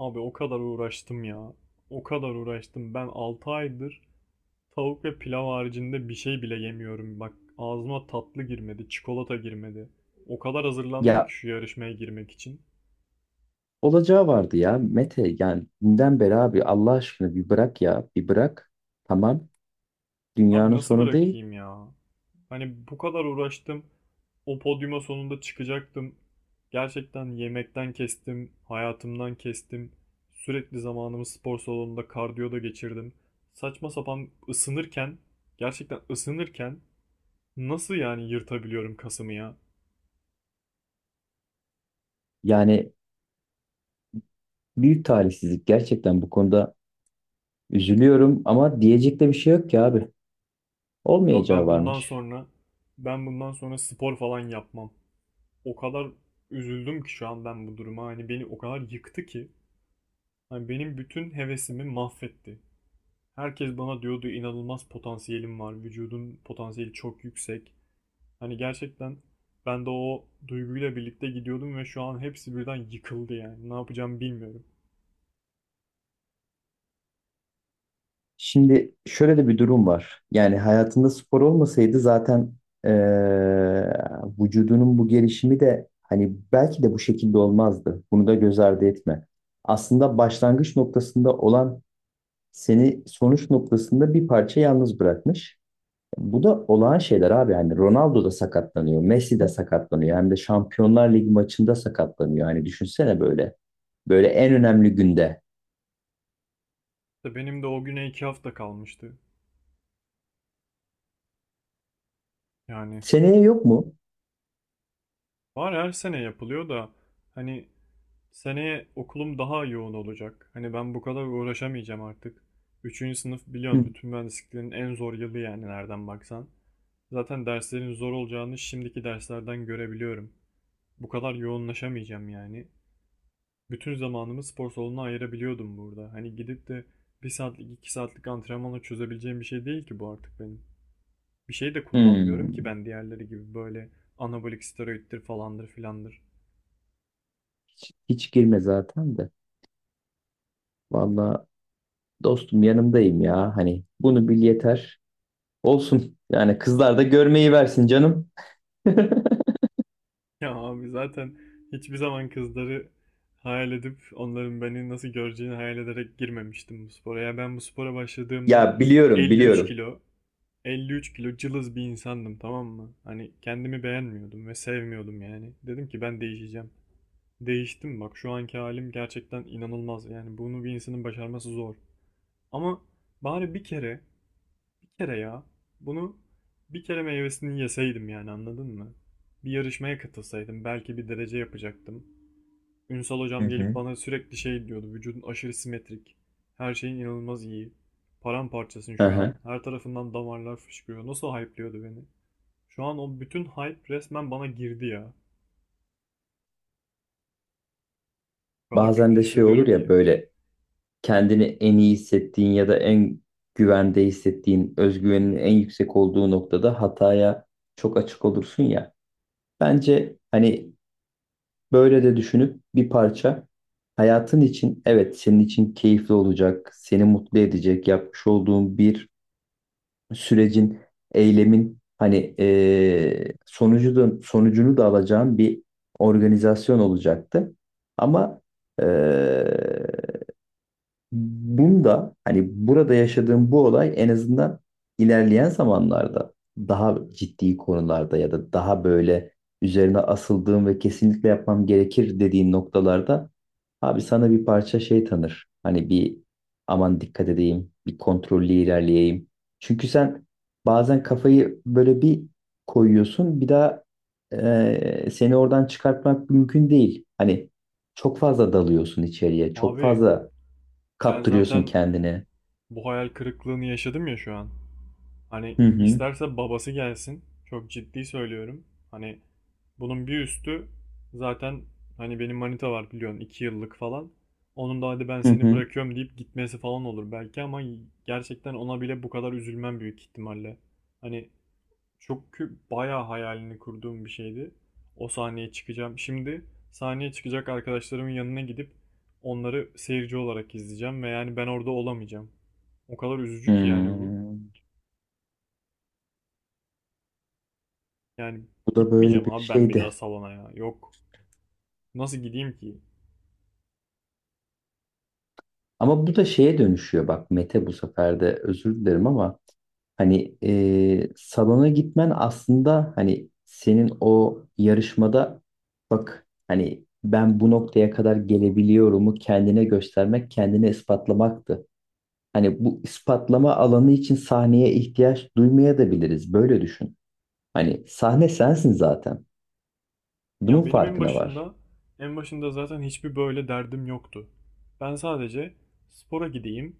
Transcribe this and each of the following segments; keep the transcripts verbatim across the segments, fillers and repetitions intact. Abi o kadar uğraştım ya. O kadar uğraştım. Ben altı aydır tavuk ve pilav haricinde bir şey bile yemiyorum. Bak ağzıma tatlı girmedi, çikolata girmedi. O kadar hazırlandım ki Ya şu yarışmaya girmek için. olacağı vardı ya Mete, yani dünden beri abi, Allah aşkına bir bırak ya, bir bırak, tamam, Abi dünyanın nasıl sonu değil. bırakayım ya? Hani bu kadar uğraştım. O podyuma sonunda çıkacaktım. Gerçekten yemekten kestim, hayatımdan kestim. Sürekli zamanımı spor salonunda kardiyoda geçirdim. Saçma sapan ısınırken, gerçekten ısınırken nasıl yani yırtabiliyorum kasımı ya? Yani büyük talihsizlik, gerçekten bu konuda üzülüyorum, ama diyecek de bir şey yok ki abi, Abi olmayacağı ben bundan varmış. sonra ben bundan sonra spor falan yapmam. O kadar üzüldüm ki şu an ben bu duruma. Hani beni o kadar yıktı ki. Hani benim bütün hevesimi mahvetti. Herkes bana diyordu inanılmaz potansiyelim var. Vücudun potansiyeli çok yüksek. Hani gerçekten ben de o duyguyla birlikte gidiyordum ve şu an hepsi birden yıkıldı yani. Ne yapacağımı bilmiyorum. Şimdi şöyle de bir durum var, yani hayatında spor olmasaydı zaten eee, vücudunun bu gelişimi de hani belki de bu şekilde olmazdı, bunu da göz ardı etme. Aslında başlangıç noktasında olan seni sonuç noktasında bir parça yalnız bırakmış. Bu da olağan şeyler abi. Yani Ronaldo da sakatlanıyor, Messi de sakatlanıyor. Hem de Şampiyonlar Ligi maçında sakatlanıyor. Yani düşünsene böyle. Böyle en önemli günde. İşte benim de o güne iki hafta kalmıştı. Yani Seneye yok mu? var, her sene yapılıyor da hani seneye okulum daha yoğun olacak. Hani ben bu kadar uğraşamayacağım artık. Üçüncü sınıf Hı. biliyorsun bütün mühendisliklerin en zor yılı yani nereden baksan. Zaten derslerin zor olacağını şimdiki derslerden görebiliyorum. Bu kadar yoğunlaşamayacağım yani. Bütün zamanımı spor salonuna ayırabiliyordum burada. Hani gidip de bir saatlik iki saatlik antrenmanla çözebileceğim bir şey değil ki bu artık benim. Bir şey de kullanmıyorum ki Hmm. ben, diğerleri gibi böyle anabolik steroiddir falandır filandır. Hiç girme zaten de. Valla dostum, yanımdayım ya. Hani bunu bil yeter. Olsun. Yani kızlar da görmeyi versin canım. Ya abi zaten hiçbir zaman kızları hayal edip onların beni nasıl göreceğini hayal ederek girmemiştim bu spora. Ya ben bu spora başladığımda Ya biliyorum, elli üç biliyorum. kilo, elli üç kilo cılız bir insandım, tamam mı? Hani kendimi beğenmiyordum ve sevmiyordum yani. Dedim ki ben değişeceğim. Değiştim, bak şu anki halim gerçekten inanılmaz. Yani bunu bir insanın başarması zor. Ama bari bir kere, bir kere ya. Bunu bir kere meyvesini yeseydim yani, anladın mı? Bir yarışmaya katılsaydım belki bir derece yapacaktım. Ünsal Hı hocam gelip hı. bana sürekli şey diyordu. Vücudun aşırı simetrik. Her şeyin inanılmaz iyi. Paramparçasın şu an. Aha. Her tarafından damarlar fışkırıyor. Nasıl hype'liyordu beni? Şu an o bütün hype resmen bana girdi ya. O kadar Bazen kötü de şey olur hissediyorum ya, ki. böyle kendini en iyi hissettiğin ya da en güvende hissettiğin, özgüvenin en yüksek olduğu noktada hataya çok açık olursun ya. Bence hani böyle de düşünüp bir parça, hayatın için evet, senin için keyifli olacak, seni mutlu edecek yapmış olduğun bir sürecin, eylemin hani eee sonucu da, sonucunu da alacağın bir organizasyon olacaktı. Ama eee, bunda hani burada yaşadığım bu olay en azından ilerleyen zamanlarda daha ciddi konularda ya da daha böyle üzerine asıldığım ve kesinlikle yapmam gerekir dediğin noktalarda abi sana bir parça şey tanır. Hani bir aman dikkat edeyim, bir kontrollü ilerleyeyim. Çünkü sen bazen kafayı böyle bir koyuyorsun, bir daha eee, seni oradan çıkartmak mümkün değil. Hani çok fazla dalıyorsun içeriye, çok Abi fazla ben kaptırıyorsun zaten kendini. bu hayal kırıklığını yaşadım ya şu an. Hani Hı hı. isterse babası gelsin. Çok ciddi söylüyorum. Hani bunun bir üstü zaten, hani benim manita var biliyorsun iki yıllık falan. Onun da hadi ben Hı seni hı. bırakıyorum deyip gitmesi falan olur belki ama gerçekten ona bile bu kadar üzülmem büyük ihtimalle. Hani çok kü- bayağı hayalini kurduğum bir şeydi. O sahneye çıkacağım. Şimdi sahneye çıkacak arkadaşlarımın yanına gidip onları seyirci olarak izleyeceğim ve yani ben orada olamayacağım. O kadar üzücü ki yani bu. Hmm. Yani Bu da böyle gitmeyeceğim bir abi ben bir daha şeydi. salona ya. Yok. Nasıl gideyim ki? Ama bu da şeye dönüşüyor bak Mete, bu sefer de özür dilerim ama hani e, salona gitmen aslında hani senin o yarışmada, bak hani ben bu noktaya kadar gelebiliyorumu kendine göstermek, kendini ispatlamaktı. Hani bu ispatlama alanı için sahneye ihtiyaç duymayabiliriz. Böyle düşün. Hani sahne sensin zaten. Ya Bunun benim en farkına var. başında, en başında zaten hiçbir böyle derdim yoktu. Ben sadece spora gideyim,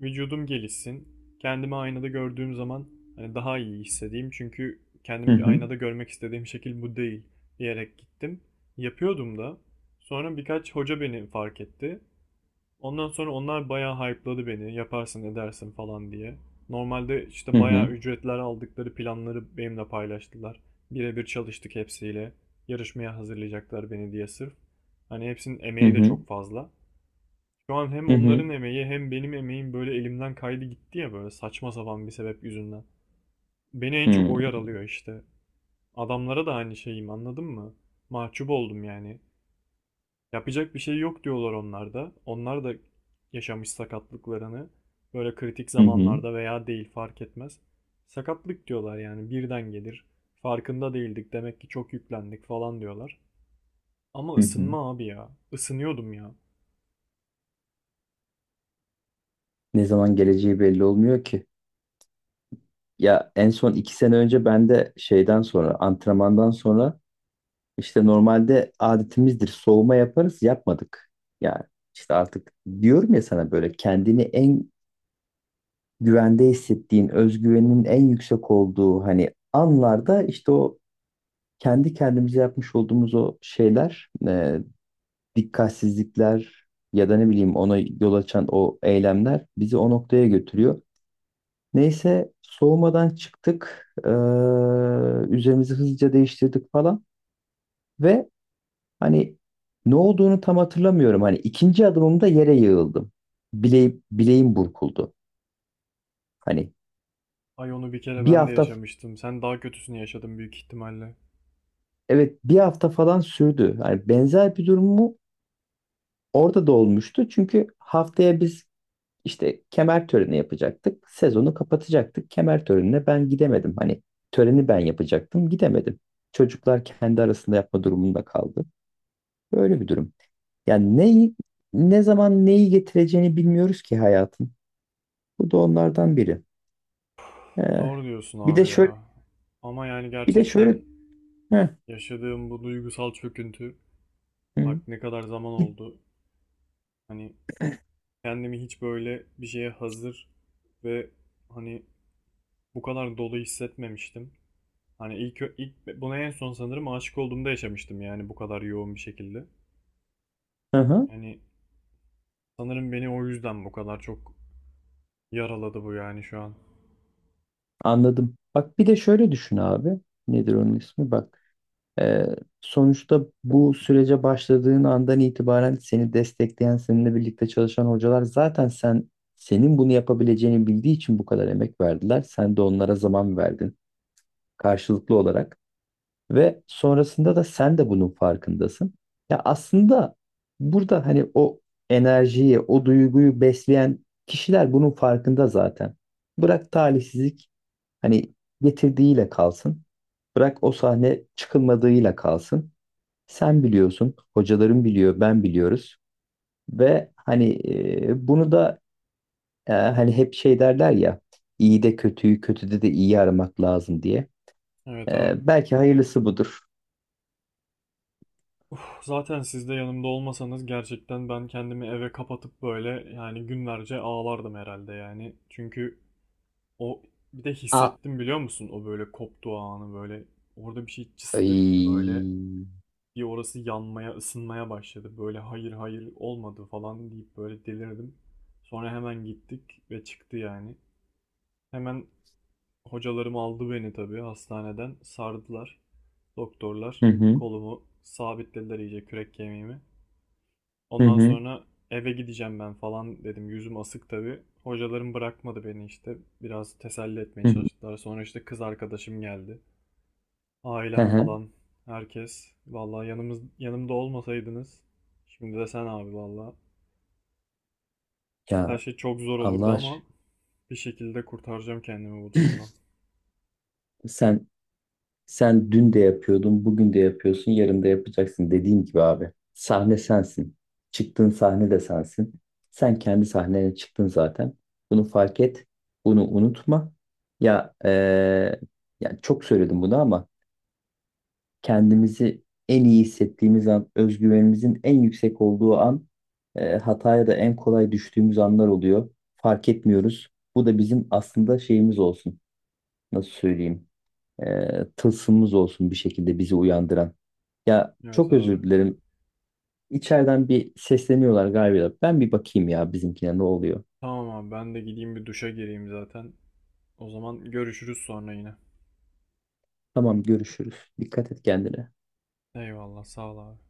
vücudum gelişsin. Kendimi aynada gördüğüm zaman hani daha iyi hissedeyim. Çünkü Hı kendimi hı. aynada görmek istediğim şekil bu değil diyerek gittim. Yapıyordum da. Sonra birkaç hoca beni fark etti. Ondan sonra onlar bayağı hype'ladı beni. Yaparsın edersin falan diye. Normalde işte Hı bayağı hı. ücretler aldıkları planları benimle paylaştılar. Birebir çalıştık hepsiyle. Yarışmaya hazırlayacaklar beni diye sırf. Hani hepsinin Hı emeği de hı. çok fazla. Şu an hem Hı hı. onların emeği hem benim emeğim böyle elimden kaydı gitti ya, böyle saçma sapan bir sebep yüzünden. Beni en çok Hı o yaralıyor işte. Adamlara da aynı şeyim, anladın mı? Mahcup oldum yani. Yapacak bir şey yok diyorlar onlar da. Onlar da yaşamış sakatlıklarını böyle kritik hı. Hı, zamanlarda veya değil fark etmez. Sakatlık diyorlar yani birden gelir. Farkında değildik demek ki, çok yüklendik falan diyorlar. Ama hı. ısınma abi ya. Isınıyordum ya. Ne zaman Ya, geleceği belli olmuyor ki. Ya en son iki sene önce ben de şeyden sonra, antrenmandan sonra işte normalde adetimizdir, soğuma yaparız, yapmadık. Yani işte artık, diyorum ya sana, böyle kendini en güvende hissettiğin, özgüvenin en yüksek olduğu hani anlarda işte o kendi kendimize yapmış olduğumuz o şeyler, e, dikkatsizlikler ya da ne bileyim ona yol açan o eylemler bizi o noktaya götürüyor. Neyse soğumadan çıktık. Ee, üzerimizi hızlıca değiştirdik falan ve hani ne olduğunu tam hatırlamıyorum. Hani ikinci adımımda yere yığıldım. Bile, bileğim burkuldu. Hani ay onu bir kere bir ben de hafta, yaşamıştım. Sen daha kötüsünü yaşadın büyük ihtimalle. evet, bir hafta falan sürdü. Hani benzer bir durum mu orada da olmuştu. Çünkü haftaya biz, İşte kemer töreni yapacaktık. Sezonu kapatacaktık. Kemer törenine ben gidemedim. Hani töreni ben yapacaktım, gidemedim. Çocuklar kendi arasında yapma durumunda kaldı. Böyle bir durum. Yani neyi, ne zaman neyi getireceğini bilmiyoruz ki hayatın. Bu da onlardan biri. Ee, Doğru diyorsun bir de abi şöyle, ya. Ama yani bir de şöyle, gerçekten heh, yaşadığım bu duygusal çöküntü, bak hı, ne kadar zaman oldu. Hani kendimi hiç böyle bir şeye hazır ve hani bu kadar dolu hissetmemiştim. Hani ilk ilk buna en son sanırım aşık olduğumda yaşamıştım yani bu kadar yoğun bir şekilde. hı, hı, Yani sanırım beni o yüzden bu kadar çok yaraladı bu yani şu an. anladım. Bak bir de şöyle düşün abi. Nedir onun ismi? Bak. Ee, sonuçta bu sürece başladığın andan itibaren seni destekleyen, seninle birlikte çalışan hocalar zaten sen senin bunu yapabileceğini bildiği için bu kadar emek verdiler. Sen de onlara zaman verdin karşılıklı olarak ve sonrasında da sen de bunun farkındasın. Ya aslında burada hani o enerjiyi, o duyguyu besleyen kişiler bunun farkında zaten. Bırak talihsizlik hani getirdiğiyle kalsın. Bırak o sahne çıkılmadığıyla kalsın. Sen biliyorsun, hocalarım biliyor, ben biliyoruz ve hani e, bunu da e, hani hep şey derler ya, iyi de kötüyü, kötüde de iyi aramak lazım diye. Evet abi. E, belki hayırlısı budur. Uf, zaten siz de yanımda olmasanız gerçekten ben kendimi eve kapatıp böyle yani günlerce ağlardım herhalde yani. Çünkü o, bir de A. hissettim biliyor musun o böyle koptuğu anı, böyle orada bir şey cıst etti böyle. Ay. Bir orası yanmaya, ısınmaya başladı. Böyle hayır hayır olmadı falan deyip böyle delirdim. Sonra hemen gittik ve çıktı yani. Hemen hocalarım aldı beni tabii hastaneden. Sardılar. Hı Doktorlar hı, kolumu sabitlediler iyice, kürek kemiğimi. hı Ondan hı, sonra eve gideceğim ben falan dedim. Yüzüm asık tabii. Hocalarım bırakmadı beni işte. Biraz teselli etmeye hı hı. çalıştılar. Sonra işte kız arkadaşım geldi. Hı Ailem hı. falan, herkes. Vallahi yanımız yanımda olmasaydınız. Şimdi de sen abi vallahi. Her Ya şey çok zor olurdu Allah ama aşkına. bir şekilde kurtaracağım kendimi bu durumdan. Sen Sen dün de yapıyordun, bugün de yapıyorsun, yarın da yapacaksın, dediğim gibi abi. Sahne sensin. Çıktığın sahne de sensin. Sen kendi sahnene çıktın zaten. Bunu fark et. Bunu unutma. Ya eee, yani çok söyledim bunu ama kendimizi en iyi hissettiğimiz an, özgüvenimizin en yüksek olduğu an, eee, hataya da en kolay düştüğümüz anlar oluyor. Fark etmiyoruz. Bu da bizim aslında şeyimiz olsun. Nasıl söyleyeyim? e, tılsımımız olsun bir şekilde bizi uyandıran. Ya Evet çok abi. özür dilerim. İçeriden bir sesleniyorlar galiba. Ben bir bakayım ya bizimkine ne oluyor. Tamam abi, ben de gideyim bir duşa gireyim zaten. O zaman görüşürüz sonra yine. Tamam, görüşürüz. Dikkat et kendine. Eyvallah, sağ ol abi.